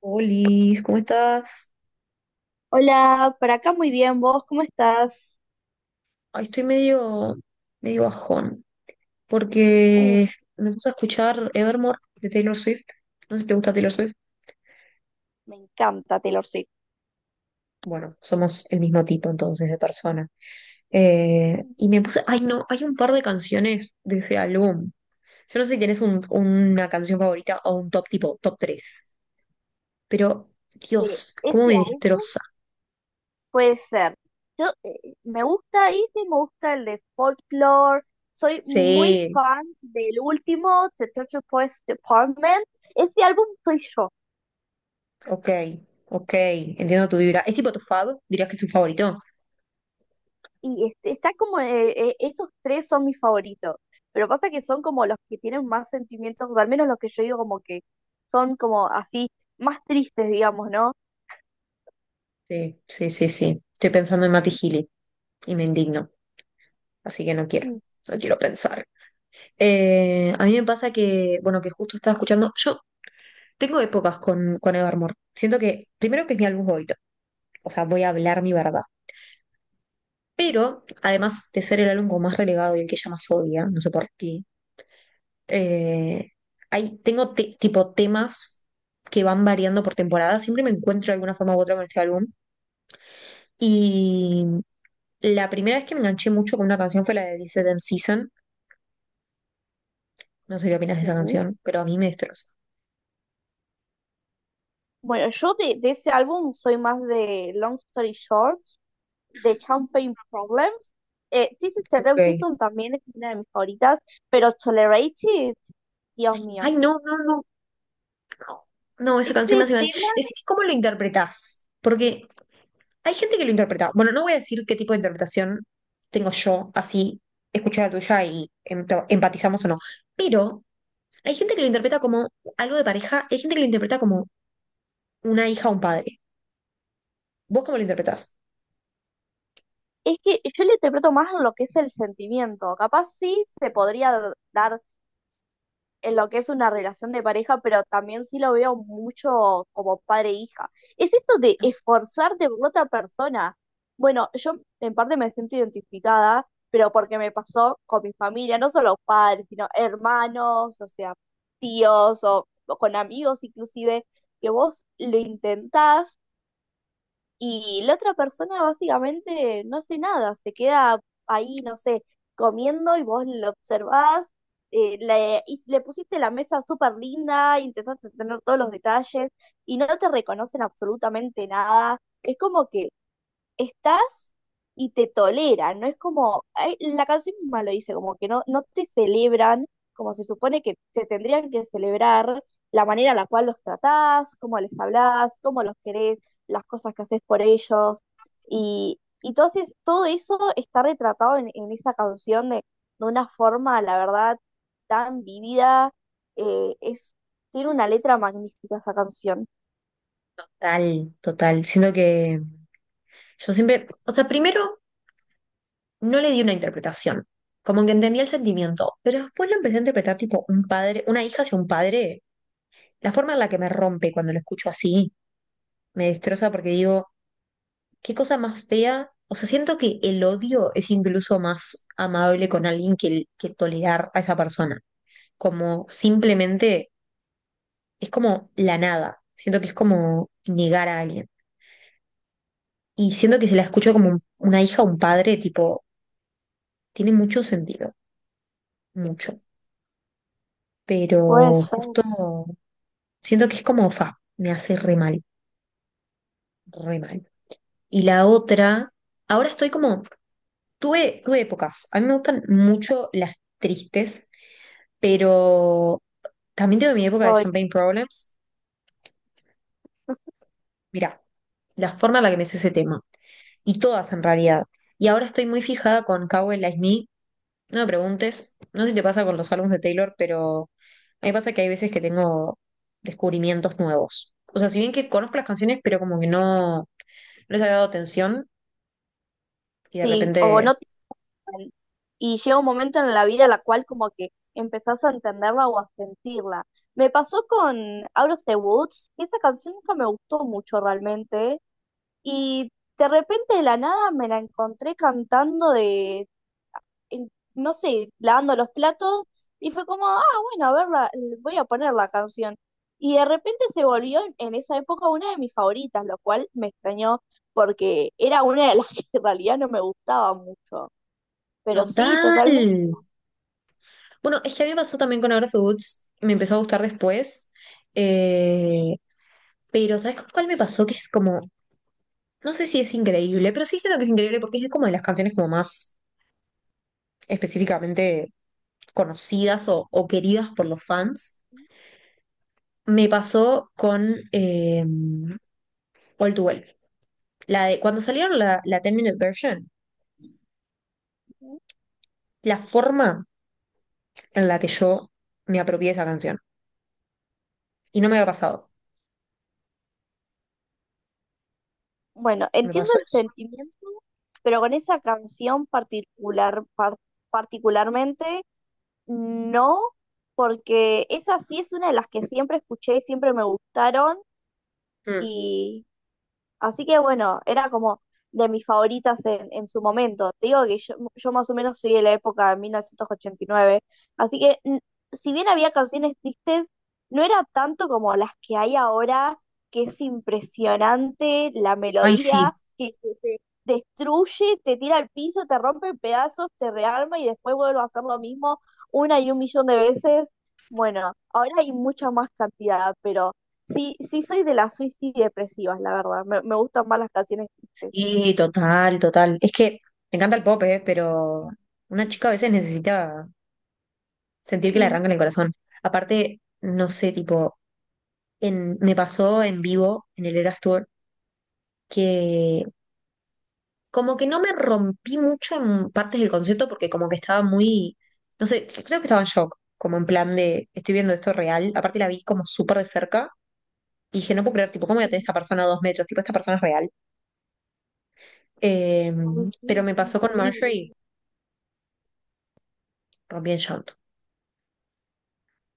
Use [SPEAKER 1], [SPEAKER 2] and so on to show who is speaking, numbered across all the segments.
[SPEAKER 1] Olis, ¿cómo estás?
[SPEAKER 2] Hola, por acá muy bien, ¿vos cómo estás?
[SPEAKER 1] Ay, estoy medio bajón,
[SPEAKER 2] Uh,
[SPEAKER 1] porque me puse a escuchar Evermore de Taylor Swift. No sé si te gusta Taylor Swift.
[SPEAKER 2] Me encanta Taylor Swift.
[SPEAKER 1] Bueno, somos el mismo tipo entonces de persona. Y me puse, ay no, hay un par de canciones de ese álbum. Yo no sé si tienes una canción favorita o un top tipo, top 3. Pero
[SPEAKER 2] De
[SPEAKER 1] Dios, cómo
[SPEAKER 2] ese
[SPEAKER 1] me
[SPEAKER 2] álbum
[SPEAKER 1] destroza.
[SPEAKER 2] puede ser. Yo me gusta este, me gusta el de Folklore. Soy muy
[SPEAKER 1] Sí,
[SPEAKER 2] fan del último, The Church of Police Department. Ese álbum soy yo.
[SPEAKER 1] ok, ok, entiendo tu vibra. ¿Es tipo tu fab? ¿Dirías que es tu favorito?
[SPEAKER 2] Y este, está como, esos tres son mis favoritos. Pero pasa que son como los que tienen más sentimientos, o al menos los que yo digo como que son como así, más tristes, digamos, ¿no?
[SPEAKER 1] Sí, sí, sí, sí. Estoy pensando en Mati Gili y me indigno, así que no
[SPEAKER 2] Mm.
[SPEAKER 1] no quiero pensar. A mí me pasa que, bueno, que justo estaba escuchando, yo tengo épocas con Evermore. Siento que, primero, que es mi álbum favorito, o sea, voy a hablar mi verdad. Pero, además de ser el álbum como más relegado y el que ella más odia, no sé por qué, eh, hay, tengo tipo temas que van variando por temporada. Siempre me encuentro de alguna forma u otra con este álbum. La primera vez que me enganché mucho con una canción fue la de This Damn Season. No sé qué opinas de esa
[SPEAKER 2] Sí.
[SPEAKER 1] canción, pero a mí me destroza.
[SPEAKER 2] Bueno, yo de ese álbum soy más de Long Story Short, de Champagne Problems. Sí, sí, Cerré
[SPEAKER 1] Ok.
[SPEAKER 2] Season también es una de mis favoritas, pero Tolerated, Dios mío.
[SPEAKER 1] Ay, no, no, no, no, no, esa canción me
[SPEAKER 2] Este
[SPEAKER 1] hace mal.
[SPEAKER 2] tema
[SPEAKER 1] Decime cómo lo interpretás, porque hay gente que lo interpreta. Bueno, no voy a decir qué tipo de interpretación tengo yo, así escuché la tuya y empatizamos o no, pero hay gente que lo interpreta como algo de pareja, hay gente que lo interpreta como una hija o un padre. ¿Vos cómo lo interpretás?
[SPEAKER 2] es que yo lo interpreto más en lo que es el sentimiento. Capaz sí se podría dar en lo que es una relación de pareja, pero también sí lo veo mucho como padre-hija. Es esto de esforzarte por otra persona. Bueno, yo en parte me siento identificada, pero porque me pasó con mi familia, no solo padres, sino hermanos, o sea, tíos o con amigos inclusive, que vos lo intentás y la otra persona básicamente no hace nada, se queda ahí, no sé, comiendo y vos lo observás, y le pusiste la mesa súper linda, intentaste tener todos los detalles y no te reconocen absolutamente nada. Es como que estás y te toleran, no es como, ay, la canción misma lo dice, como que no te celebran como se supone que te tendrían que celebrar, la manera en la cual los tratás, cómo les hablás, cómo los querés, las cosas que haces por ellos, y entonces todo eso está retratado en esa canción de una forma, la verdad, tan vivida, es, tiene una letra magnífica esa canción.
[SPEAKER 1] Total, total. Siento que yo siempre, o sea, primero no le di una interpretación. Como que entendí el sentimiento, pero después lo empecé a interpretar tipo un padre, una hija hacia un padre. La forma en la que me rompe cuando lo escucho así me destroza porque digo, qué cosa más fea. O sea, siento que el odio es incluso más amable con alguien que, que tolerar a esa persona. Como simplemente es como la nada. Siento que es como negar a alguien. Y siento que si la escucho como una hija o un padre, tipo, tiene mucho sentido, mucho.
[SPEAKER 2] Puede
[SPEAKER 1] Pero
[SPEAKER 2] ser.
[SPEAKER 1] justo siento que es como, fa, me hace re mal, re mal. Y la otra, ahora estoy como, tuve épocas. A mí me gustan mucho las tristes, pero también tuve mi época de
[SPEAKER 2] Soy-
[SPEAKER 1] Champagne Problems. Mirá, la forma en la que me hice ese tema. Y todas en realidad. Y ahora estoy muy fijada con Cowboy Like Me. No me preguntes, no sé si te pasa con los álbumes de Taylor, pero a mí me pasa que hay veces que tengo descubrimientos nuevos. O sea, si bien que conozco las canciones, pero como que no les había dado atención. Y de
[SPEAKER 2] sí, o
[SPEAKER 1] repente,
[SPEAKER 2] no y llega un momento en la vida en la cual como que empezás a entenderla o a sentirla. Me pasó con Out of the Woods, que esa canción nunca me gustó mucho realmente, y de repente de la nada me la encontré cantando no sé, lavando los platos, y fue como, ah, bueno, a ver, voy a poner la canción. Y de repente se volvió en esa época una de mis favoritas, lo cual me extrañó porque era una de las que en realidad no me gustaba mucho. Pero sí, totalmente.
[SPEAKER 1] total. Bueno, es que a mí me pasó también con Agra Foods, me empezó a gustar después, eh, pero ¿sabes con cuál me pasó? Que es como, no sé si es increíble, pero sí siento que es increíble porque es como de las canciones como más específicamente conocidas o queridas por los fans. Me pasó con All Too Well. La de, cuando salieron la 10-minute version, la forma en la que yo me apropié de esa canción. Y no me había pasado,
[SPEAKER 2] Bueno,
[SPEAKER 1] me
[SPEAKER 2] entiendo
[SPEAKER 1] pasó
[SPEAKER 2] el
[SPEAKER 1] eso.
[SPEAKER 2] sentimiento, pero con esa canción particular, particularmente, no, porque esa sí es una de las que siempre escuché y siempre me gustaron.
[SPEAKER 1] Mm.
[SPEAKER 2] Así que bueno, era como de mis favoritas en su momento. Te digo que yo más o menos soy de la época de 1989, así que si bien había canciones tristes, no era tanto como las que hay ahora, que es impresionante la
[SPEAKER 1] Ay, sí,
[SPEAKER 2] melodía, que te destruye, te tira al piso, te rompe en pedazos, te rearma y después vuelve a hacer lo mismo una y un millón de veces. Bueno, ahora hay mucha más cantidad, pero sí, sí soy de las Swifties depresivas, la verdad. Me gustan más las canciones tristes.
[SPEAKER 1] y total, total. Es que me encanta el pop, ¿eh? Pero una chica a veces necesita sentir que le
[SPEAKER 2] Mm,
[SPEAKER 1] arrancan el corazón. Aparte, no sé, tipo, me pasó en vivo en el Eras Tour, que como que no me rompí mucho en partes del concierto porque como que estaba muy, no sé, creo que estaba en shock, como en plan de, estoy viendo esto real. Aparte la vi como súper de cerca y dije, no puedo creer, tipo, ¿cómo voy a tener
[SPEAKER 2] sí.
[SPEAKER 1] esta persona a dos metros? Tipo, esta persona es real. Eh,
[SPEAKER 2] Ay, sí,
[SPEAKER 1] pero
[SPEAKER 2] es
[SPEAKER 1] me pasó con
[SPEAKER 2] increíble.
[SPEAKER 1] Marjorie, rompí en shock.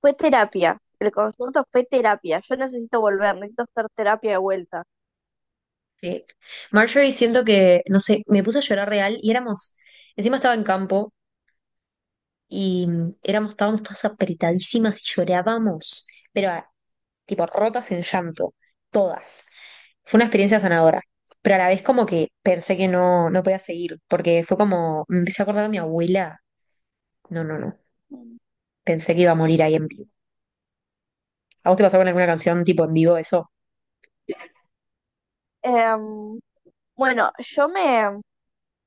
[SPEAKER 2] Fue terapia. El concierto fue terapia. Yo necesito volver, necesito hacer terapia de vuelta.
[SPEAKER 1] Sí. Marjorie, siento que, no sé, me puse a llorar real y éramos, encima estaba en campo y éramos, estábamos todas apretadísimas y llorábamos, pero ah, tipo rotas en llanto, todas. Fue una experiencia sanadora, pero a la vez como que pensé que no podía seguir, porque fue como, me empecé a acordar de mi abuela. No, no, no,
[SPEAKER 2] Mm.
[SPEAKER 1] pensé que iba a morir ahí en vivo. ¿A vos te pasó con alguna canción tipo en vivo eso?
[SPEAKER 2] Em, bueno,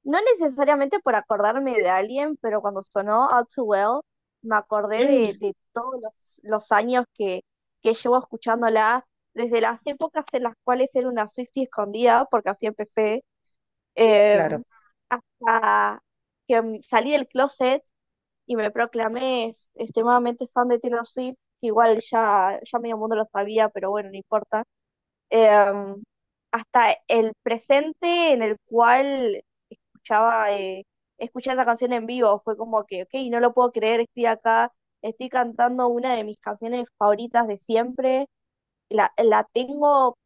[SPEAKER 2] no necesariamente por acordarme de alguien, pero cuando sonó All Too Well, me acordé
[SPEAKER 1] Mm.
[SPEAKER 2] de todos los años que llevo escuchándola, desde las épocas en las cuales era una Swiftie escondida, porque así empecé, em,
[SPEAKER 1] Claro.
[SPEAKER 2] hasta que salí del closet y me proclamé extremadamente fan de Taylor Swift, que igual ya medio mundo lo sabía, pero bueno, no importa. Em, hasta el presente en el cual escuchaba, eh, escuché esa canción en vivo, fue como que, ok, no lo puedo creer, estoy acá, estoy cantando una de mis canciones favoritas de siempre, la tengo,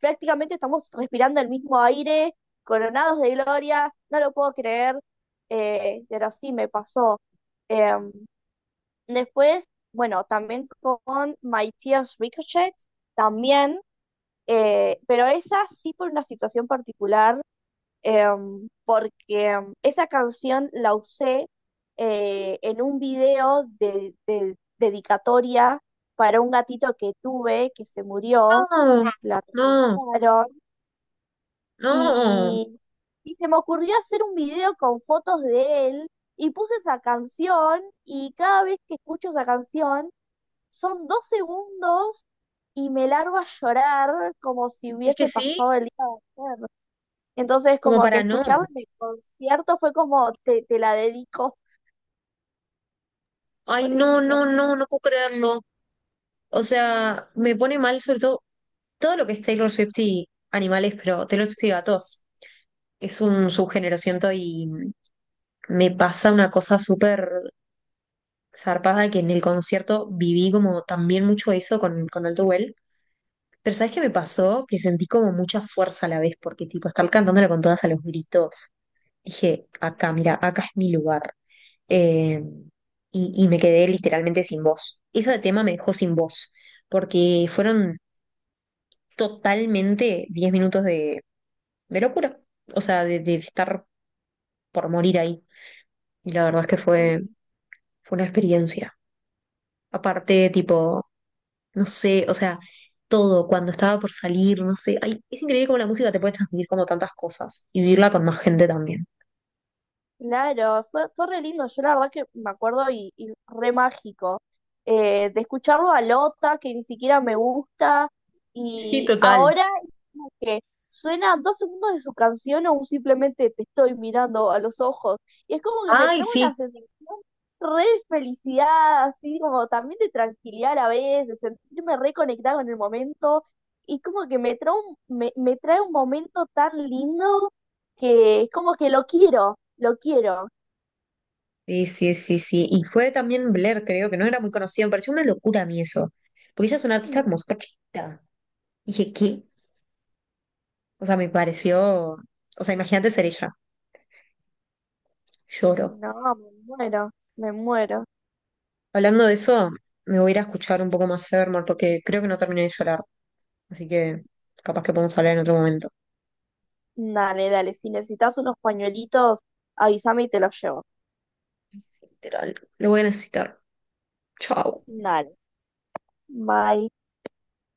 [SPEAKER 2] prácticamente estamos respirando el mismo aire, coronados de gloria, no lo puedo creer, pero sí me pasó. Em, después, bueno, también con My Tears Ricochet, también, pero esa sí por una situación particular, esa canción la usé en un video de dedicatoria para un gatito que tuve que se murió,
[SPEAKER 1] No,
[SPEAKER 2] la
[SPEAKER 1] no,
[SPEAKER 2] atropellaron.
[SPEAKER 1] no.
[SPEAKER 2] Y, y se me ocurrió hacer un video con fotos de él y puse esa canción y cada vez que escucho esa canción son dos segundos y me largo a llorar como si
[SPEAKER 1] Es que
[SPEAKER 2] hubiese
[SPEAKER 1] sí,
[SPEAKER 2] pasado el día de ayer. Entonces
[SPEAKER 1] como
[SPEAKER 2] como que
[SPEAKER 1] para no.
[SPEAKER 2] escucharla en el concierto fue como te la dedico,
[SPEAKER 1] Ay, no,
[SPEAKER 2] pobrecito.
[SPEAKER 1] no, no, no puedo creerlo. O sea, me pone mal sobre todo todo lo que es Taylor Swift y animales, pero Taylor Swift y gatos. Es un subgénero, siento, y me pasa una cosa súper zarpada que en el concierto viví como también mucho eso con Alto Well. Pero ¿sabes qué me pasó? Que sentí como mucha fuerza a la vez, porque tipo, estar cantándola con todas a los gritos. Dije, acá, mira, acá es mi lugar. eh, y, y me quedé literalmente sin voz. Ese tema me dejó sin voz, porque fueron totalmente 10 minutos de locura, o sea, de estar por morir ahí. Y la verdad es que fue,
[SPEAKER 2] Sí.
[SPEAKER 1] fue una experiencia. Aparte, tipo, no sé, o sea, todo, cuando estaba por salir, no sé, ay, es increíble cómo la música te puede transmitir como tantas cosas y vivirla con más gente también.
[SPEAKER 2] Claro, fue re lindo. Yo la verdad que me acuerdo y re mágico. Eh, de escucharlo a Lota, que ni siquiera me gusta,
[SPEAKER 1] Sí,
[SPEAKER 2] y
[SPEAKER 1] total.
[SPEAKER 2] ahora es como que suena dos segundos de su canción o un simplemente te estoy mirando a los ojos. Y es como que me
[SPEAKER 1] Ay,
[SPEAKER 2] trae una
[SPEAKER 1] sí.
[SPEAKER 2] sensación re de felicidad, así como también de tranquilidad a la vez, de sentirme reconectada con el momento. Y como que me trae un, me trae un momento tan lindo que es como que lo quiero. Lo quiero.
[SPEAKER 1] Sí, sí, sí, sí. Y fue también Blair, creo, que no era muy conocida. Me pareció una locura a mí eso. Porque ella es una artista
[SPEAKER 2] Mm.
[SPEAKER 1] como súper chiquita. Dije, ¿qué? O sea, me pareció. O sea, imagínate ser ella. Lloro.
[SPEAKER 2] No, me muero, me muero.
[SPEAKER 1] Hablando de eso, me voy a ir a escuchar un poco más Evermore porque creo que no terminé de llorar. Así que capaz que podemos hablar en otro momento.
[SPEAKER 2] Dale, dale. Si necesitas unos pañuelitos, avísame y te los llevo.
[SPEAKER 1] Literal. Lo voy a necesitar. Chao.
[SPEAKER 2] Dale, bye.